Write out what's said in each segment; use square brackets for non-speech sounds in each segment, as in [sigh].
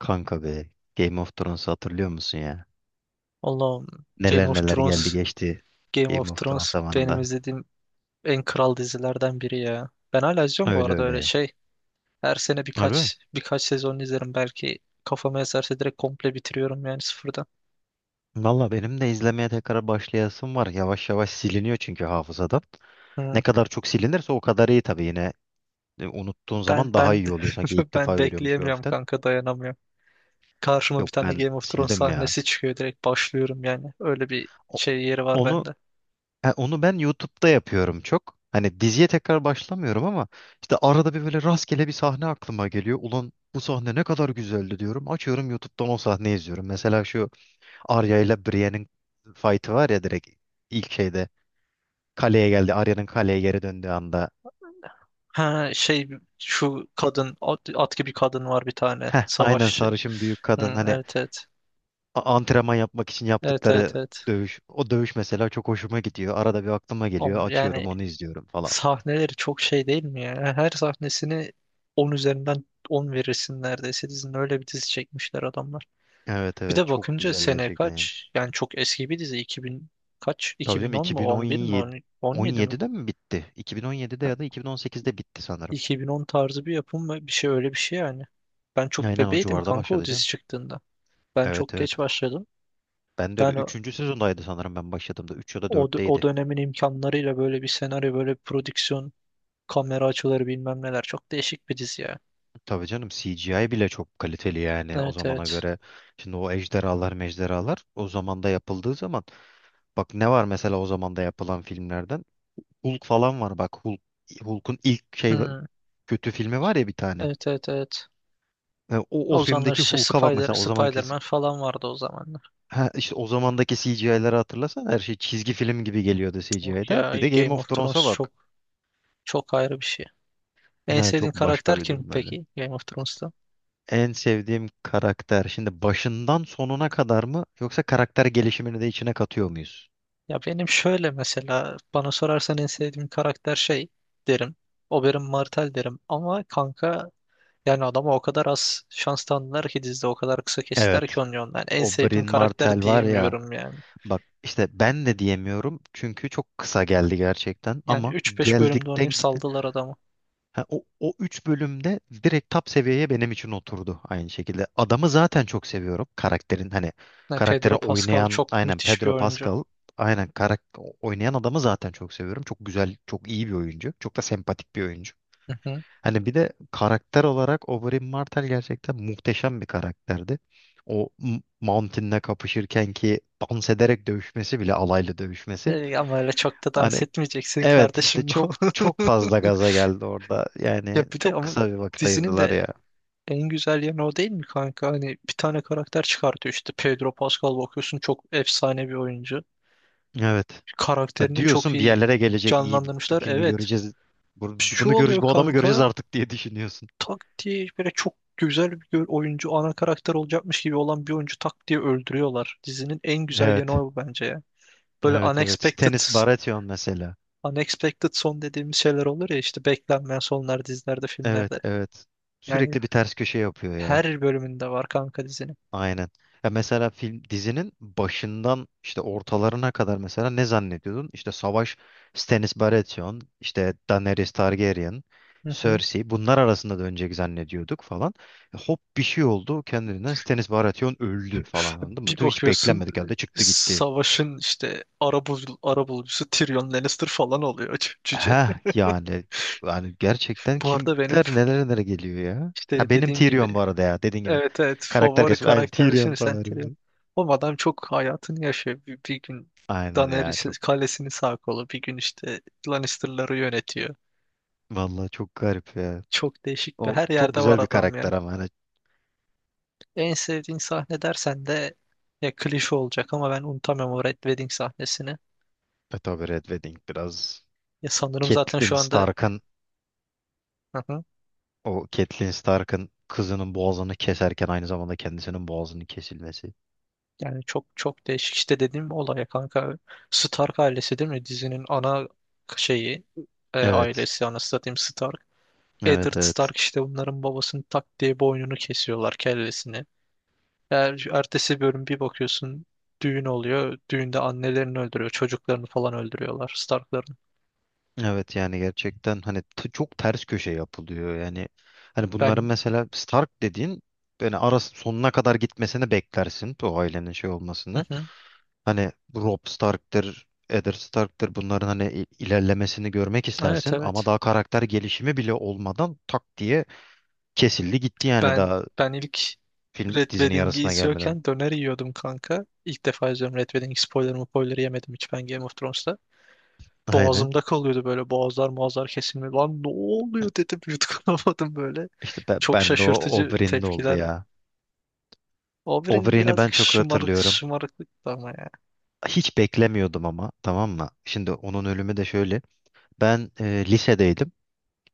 Kanka be, Game of Thrones'u hatırlıyor musun ya? Allah'ım. Game Neler of neler geldi Thrones, geçti Game Game of of Thrones Thrones benim zamanında. izlediğim en kral dizilerden biri ya. Ben hala izliyorum bu Öyle arada öyle öyle ya. şey. Her sene Harbi. birkaç sezon izlerim belki. Kafama eserse direkt komple bitiriyorum yani sıfırdan. Valla benim de izlemeye tekrar başlayasım var. Yavaş yavaş siliniyor çünkü hafızadan. Ne Hı. kadar çok silinirse o kadar iyi tabii yine. Unuttuğun Ben zaman daha ben iyi oluyor sanki [laughs] ilk ben defa görüyormuş gibi bekleyemiyorum hafiften. kanka, dayanamıyorum. Karşıma bir Yok tane ben Game of Thrones sildim ya. sahnesi çıkıyor, direkt başlıyorum yani. Öyle bir O- şey yeri var Onu bende. Ha, onu ben YouTube'da yapıyorum çok. Hani diziye tekrar başlamıyorum ama işte arada bir böyle rastgele bir sahne aklıma geliyor. Ulan bu sahne ne kadar güzeldi diyorum. Açıyorum YouTube'dan o sahneyi izliyorum. Mesela şu Arya ile Brienne'in fight'ı var ya, direkt ilk şeyde kaleye geldi. Arya'nın kaleye geri döndüğü anda. Ha, şey, şu kadın at gibi kadın var bir tane, Heh, aynen, savaşçı. sarışın büyük Hı, kadın hani evet evet. Antrenman yapmak için Evet evet yaptıkları evet. dövüş. O dövüş mesela çok hoşuma gidiyor. Arada bir aklıma geliyor. Oğlum yani Açıyorum onu izliyorum falan. sahneleri çok şey değil mi ya? Her sahnesini 10 üzerinden 10 verirsin neredeyse dizinin, öyle bir dizi çekmişler adamlar. Evet Bir evet, de çok bakınca güzel sene gerçekten, yani. kaç? Yani çok eski bir dizi, 2000 kaç? Tabii canım, 2010 mu? 11 mi? 2017, 10, 17 mi? 17'de mi bitti? 2017'de Ha, ya da 2018'de bitti sanırım. 2010 tarzı bir yapım mı? Bir şey, öyle bir şey yani. Ben çok Aynen, o bebeydim civarda kanka o başladı canım. dizi çıktığında. Ben Evet çok geç evet. başladım. Ben de öyle. Yani Üçüncü sezondaydı sanırım ben başladığımda, 3 ya da o dörtteydi. dönemin imkanlarıyla böyle bir senaryo, böyle bir prodüksiyon, kamera açıları bilmem neler, çok değişik bir dizi ya. Tabii canım, CGI bile çok kaliteli yani o Evet zamana evet. göre. Şimdi o ejderhalar mejderhalar o zamanda yapıldığı zaman. Bak ne var mesela o zamanda yapılan filmlerden? Hulk falan var bak. Hulk'un ilk şey Hmm. kötü filmi var ya bir tane. Evet evet evet. O O zamanlar filmdeki işte Hulk'a bak Spider, mesela, o zamanki. Spider-Man falan vardı o zamanlar. Ha, işte o zamandaki CGI'leri hatırlasan her şey çizgi film gibi geliyordu Yok CGI'da. Bir ya, de Game Game of of Thrones'a Thrones bak. çok çok ayrı bir şey. En Ha, sevdiğin çok başka karakter bir kim durum öyle. peki Game of Thrones'ta? En sevdiğim karakter. Şimdi başından sonuna kadar mı, yoksa karakter gelişimini de içine katıyor muyuz? Ya benim şöyle, mesela bana sorarsan en sevdiğim karakter şey derim. Oberyn Martell derim ama kanka, yani adama o kadar az şans tanıdılar ki dizide, o kadar kısa kestiler ki Evet. onu, yani en O sevdiğim Bryn karakter Martell var ya. diyemiyorum yani. Bak işte ben de diyemiyorum çünkü çok kısa geldi gerçekten, Yani ama üç beş bölümde geldikten oynayıp gidin. saldılar adamı. Ha, o üç bölümde direkt top seviyeye benim için oturdu aynı şekilde. Adamı zaten çok seviyorum. Karakterin hani Ya, karaktere Pedro Pascal oynayan, çok aynen müthiş bir Pedro oyuncu. Pascal, aynen oynayan adamı zaten çok seviyorum. Çok güzel, çok iyi bir oyuncu. Çok da sempatik bir oyuncu. Hı hı. Hani bir de karakter olarak Oberyn Martell gerçekten muhteşem bir karakterdi. O Mountain'le kapışırken ki dans ederek dövüşmesi bile, alaylı dövüşmesi. Ama öyle çok da Hani, dans etmeyeceksin evet, işte kardeşim. çok çok fazla [laughs] gaza geldi orada. Ya Yani bir de çok ama kısa bir vakit dizinin ayırdılar de ya. en güzel yanı o değil mi kanka? Hani bir tane karakter çıkartıyor işte, Pedro Pascal, bakıyorsun çok efsane bir oyuncu. Evet. Ya Karakterini çok diyorsun, bir iyi yerlere gelecek, iyi bir canlandırmışlar. filmi Evet. göreceğiz. Bunu, Şu bunu oluyor göreceğiz, bu adamı göreceğiz kanka, artık diye düşünüyorsun. tak diye böyle çok güzel bir oyuncu, ana karakter olacakmış gibi olan bir oyuncu tak diye öldürüyorlar. Dizinin en güzel Evet. yanı o bence ya. Böyle Evet evet. unexpected Stannis Baratheon mesela. Unexpected son dediğimiz şeyler olur ya işte, beklenmeyen sonlar dizilerde, Evet filmlerde. evet. Yani Sürekli bir ters köşe yapıyor ya. her bölümünde var kanka dizinin. Aynen. Ya mesela film dizinin başından işte ortalarına kadar mesela ne zannediyordun? İşte Savaş, Stannis Baratheon, işte Daenerys Targaryen, Hı hı. Cersei, bunlar arasında dönecek zannediyorduk falan. Hop bir şey oldu kendinden, Stannis Baratheon öldü falan, anladın mı? Bir Tüh, hiç bakıyorsun beklenmedik halde çıktı gitti. savaşın işte arabulucusu Tyrion Lannister falan oluyor, cüce. Heh, [laughs] yani gerçekten Bu arada benim kimler nelere nelere geliyor ya. işte Ha, benim dediğim gibi, Tyrion bu arada, ya dediğin gibi. evet evet, Karakter favori gerçekten aynen karakter Tyrion şimdi falan, sen Tyrion. harbiden. O adam çok hayatını yaşıyor. Bir gün Aynen ya. Daenerys kalesini sağ kolu, bir gün işte Lannister'ları yönetiyor. Vallahi çok garip ya. Çok değişik, bir O her çok yerde var güzel bir adam ya. karakter ama hani En sevdiğin sahne dersen de, ya klişe olacak ama ben unutamam o Red Wedding sahnesini. Beto, Red Wedding biraz, Ya sanırım zaten Catelyn şu anda. Stark'ın Hı hı. Catelyn Stark'ın kızının boğazını keserken aynı zamanda kendisinin boğazının kesilmesi. Yani çok çok değişik işte dediğim olay ya kanka. Stark ailesi değil mi? Dizinin ana şeyi, Evet. ailesi, anasını satayım, Stark. Eddard Evet evet. Stark işte bunların babasının tak diye boynunu kesiyorlar, kellesini. Eğer ertesi bölüm bir bakıyorsun düğün oluyor. Düğünde annelerini öldürüyor. Çocuklarını falan öldürüyorlar Stark'ların. Evet yani gerçekten hani çok ters köşe yapılıyor yani. Hani bunların Ben. mesela Stark dediğin, yani arası sonuna kadar gitmesini beklersin o ailenin, şey Hı olmasını. hı. Hani Robb Stark'tır, Eddard Stark'tır, bunların hani ilerlemesini görmek Evet istersin ama evet. daha karakter gelişimi bile olmadan tak diye kesildi gitti yani, Ben daha ben ilk film Red dizinin Wedding'i yarısına gelmeden. izliyorken döner yiyordum kanka. İlk defa izliyorum Red Wedding, spoiler yemedim hiç ben Game of Thrones'ta. Aynen. Boğazımda kalıyordu böyle, boğazlar boğazlar kesilme. Lan ne oluyor dedim, [laughs] yutkunamadım böyle. İşte ben, Çok ben de o şaşırtıcı Oberyn'de oldu tepkiler. ya. Oberyn Oberyn'i ben birazcık çok şımarık hatırlıyorum. şımarıklık ama ya. Hiç beklemiyordum ama, tamam mı? Şimdi onun ölümü de şöyle. Ben lisedeydim.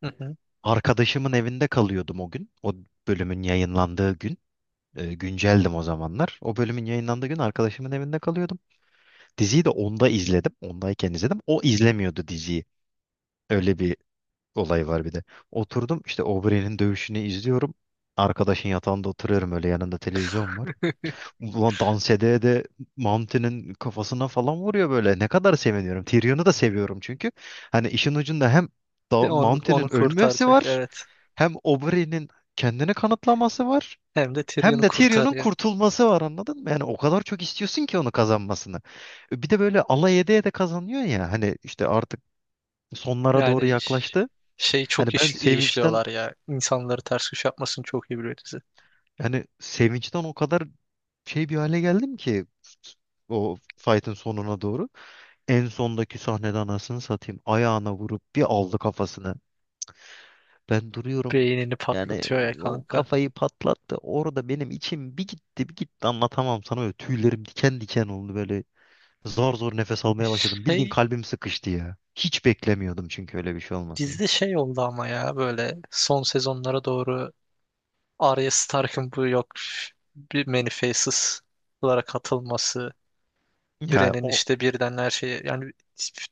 Hı hı. Arkadaşımın evinde kalıyordum o gün. O bölümün yayınlandığı gün. Günceldim o zamanlar. O bölümün yayınlandığı gün arkadaşımın evinde kalıyordum. Diziyi de onda izledim. Ondayken izledim. O izlemiyordu diziyi. Öyle bir olay var bir de. Oturdum işte Aubrey'nin dövüşünü izliyorum. Arkadaşın yatağında oturuyorum öyle, yanında televizyon var. Ulan dans edeye de Mountain'in kafasına falan vuruyor böyle. Ne kadar seviniyorum. Tyrion'u da seviyorum çünkü. Hani işin ucunda hem da Onu Mountain'in ölmesi kurtaracak, var, evet. hem Aubrey'nin kendini kanıtlaması var. Hem de Hem Tyrion'u de Tyrion'un kurtarıyor. kurtulması var, anladın mı? Yani o kadar çok istiyorsun ki onu kazanmasını. Bir de böyle alay ede ede kazanıyor ya. Hani işte artık sonlara doğru Yani yaklaştı. şey, çok Hani ben iyi sevinçten, işliyorlar ya. İnsanları ters köşe yapmasını çok iyi biliyor, yani sevinçten o kadar şey bir hale geldim ki, o fight'ın sonuna doğru. En sondaki sahnede, anasını satayım, ayağına vurup bir aldı kafasını. Ben duruyorum. beynini Yani patlatıyor ya o kanka. kafayı patlattı. Orada benim içim bir gitti bir gitti, anlatamam sana. Böyle tüylerim diken diken oldu böyle. Zor zor nefes almaya başladım. Bildiğin Şey, kalbim sıkıştı ya. Hiç beklemiyordum çünkü öyle bir şey olmasını. dizide şey oldu ama ya, böyle son sezonlara doğru Arya Stark'ın bu yok bir Many Faces'lara katılması, Ya Bran'in o, işte birden her şeyi, yani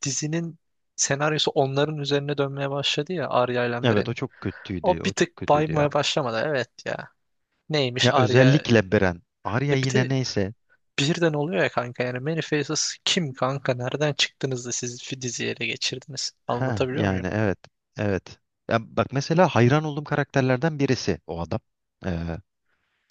dizinin senaryosu onların üzerine dönmeye başladı ya, Arya ile evet, o Bran'in. çok kötüydü. O bir O çok tık kötüydü ya. baymaya başlamadı, evet ya. Neymiş Ya Arya? özellikle Beren. Arya E bir yine de neyse. birden oluyor ya kanka, yani Many Faces kim kanka, nereden çıktınız da siz diziyi ele geçirdiniz? Ha, Anlatabiliyor muyum? yani, evet. Evet. Ya bak mesela, hayran olduğum karakterlerden birisi o adam. Ee,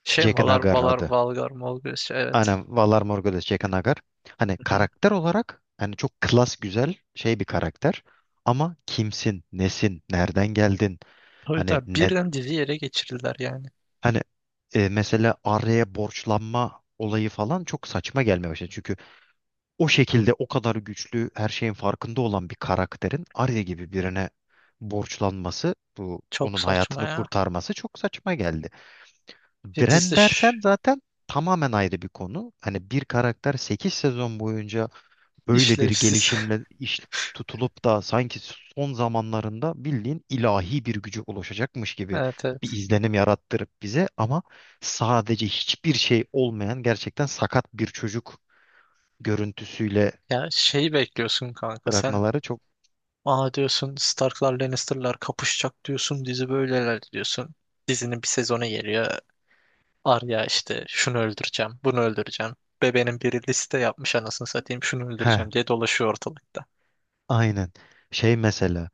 Şey mi? Jaqen Valar, H'ghar Valar, adı. Valgar, Molgres, şey, evet. Aynen, Valar Morghulis Jaqen H'ghar. Hani Hı hı. karakter olarak hani çok klas, güzel şey bir karakter. Ama kimsin, nesin, nereden geldin? Tabii Hani tabii. ne, Birden dizi yere geçirdiler yani. Hani Mesela araya borçlanma olayı falan çok saçma gelmeye başladı. Çünkü o şekilde o kadar güçlü, her şeyin farkında olan bir karakterin Arya gibi birine borçlanması, bu Çok onun saçma hayatını ya. kurtarması, çok saçma geldi. Bir dizi de Bran dersen zaten tamamen ayrı bir konu. Hani bir karakter 8 sezon boyunca böyle bir işlevsiz. [laughs] gelişimle iş tutulup da sanki son zamanlarında bildiğin ilahi bir gücü ulaşacakmış gibi Evet bir evet. izlenim yarattırıp bize ama sadece hiçbir şey olmayan, gerçekten sakat bir çocuk görüntüsüyle Ya şeyi bekliyorsun kanka. Sen bırakmaları çok. aa diyorsun, Starklar Lannister'lar kapışacak diyorsun. Dizi böyleler diyorsun. Dizinin bir sezonu geliyor. Arya işte şunu öldüreceğim, bunu öldüreceğim. Bebenin biri liste yapmış anasını satayım, şunu He, öldüreceğim diye dolaşıyor ortalıkta. aynen şey, mesela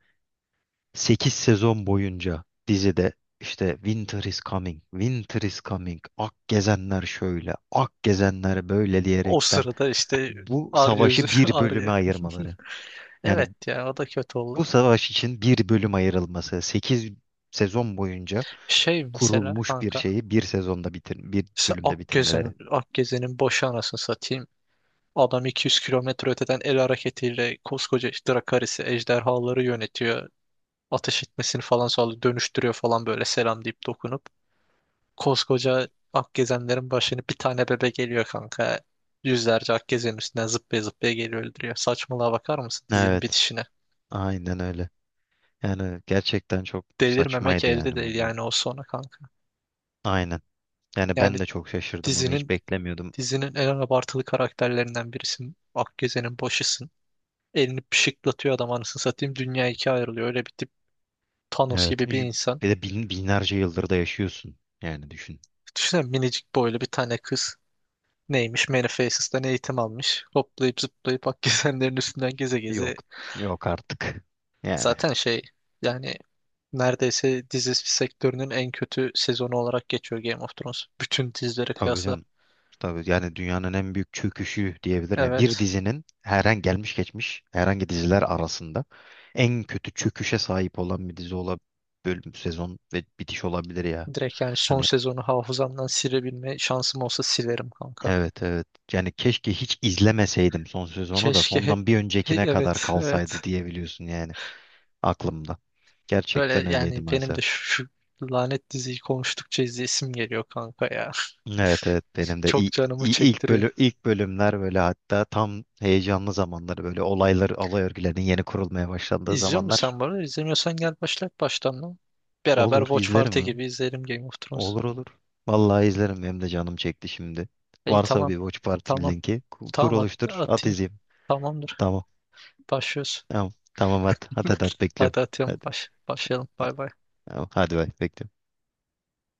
8 sezon boyunca dizide işte Winter is coming, Winter is coming, Ak gezenler şöyle, Ak gezenler böyle O diyerekten sırada işte bu Arya yüzü, savaşı [laughs] bir Arya. bölüme ayırmaları. [laughs] Yani Evet ya, o da kötü oldu. bu savaş için bir bölüm ayrılması, 8 sezon boyunca Şey mesela kurulmuş bir kanka. şeyi bir sezonda bir Mesela bölümde bitirmeleri. Akgezen'in boşu, anasını satayım. Adam 200 kilometre öteden el hareketiyle koskoca işte Drakaris'i, ejderhaları yönetiyor. Ateş etmesini falan sağlıyor. Dönüştürüyor falan böyle, selam deyip dokunup. Koskoca Akgezenlerin başını bir tane bebe geliyor kanka. Yüzlerce Akgezen üstüne zıplaya zıplaya geliyor, öldürüyor. Saçmalığa bakar mısın dizinin Evet, bitişine? aynen öyle. Yani gerçekten çok Delirmemek saçmaydı yani elde değil bu bölüm. yani o sona kanka. Aynen. Yani Yani ben de çok şaşırdım, onu hiç dizinin beklemiyordum. dizinin en abartılı karakterlerinden birisin. Akgezen'in boşısın. Elini pışıklatıyor adam, anasını satayım. Dünya ikiye ayrılıyor. Öyle bir tip, Thanos Evet. gibi bir insan. Bir de binlerce yıldır da yaşıyorsun. Yani düşün. Düşünsene minicik boylu bir tane kız. Neymiş? Manifest'ten eğitim almış. Hoplayıp zıplayıp Akgezenlerin üstünden geze geze. Yok. Yok artık. Yani. Zaten şey, yani neredeyse dizi sektörünün en kötü sezonu olarak geçiyor Game of Thrones. Bütün dizilere Tabii kıyasla. canım. Tabii yani dünyanın en büyük çöküşü diyebilirim. Yani bir Evet. dizinin, herhangi gelmiş geçmiş herhangi diziler arasında en kötü çöküşe sahip olan bir dizi olabilir. Bölüm, sezon ve bitiş olabilir ya. Direkt yani son Hani, sezonu hafızamdan silebilme şansım olsa silerim kanka. evet evet. Yani keşke hiç izlemeseydim son sezonu, da Keşke hep sondan bir öncekine kadar evet kalsaydı evet. diyebiliyorsun yani aklımda. Böyle Gerçekten öyleydi yani benim de maalesef. şu lanet diziyi konuştukça izleyesim geliyor kanka ya. Evet evet, benim [laughs] de Çok canımı çektiriyor. İlk bölümler böyle, hatta tam heyecanlı zamanları, böyle olaylar olay örgülerinin yeni kurulmaya başlandığı İzliyor musun zamanlar, sen bunu? İzlemiyorsan gel başlat baştan lan. Beraber olur Watch izlerim Party ha. gibi izleyelim Game of Thrones. Olur olur. Vallahi izlerim, benim de canım çekti şimdi. İyi, Varsa tamam. bir Watch Party Tamam. linki kur, Tamam, at- oluştur, at, atayım. izleyeyim. Tamamdır. Tamam. Başlıyoruz. Tamam. Tamam hadi. Hadi hadi, hadi [laughs] bekliyorum. Hadi atıyorum. Hadi. Başlayalım. Bay bay. Tamam, hadi bay, bekliyorum.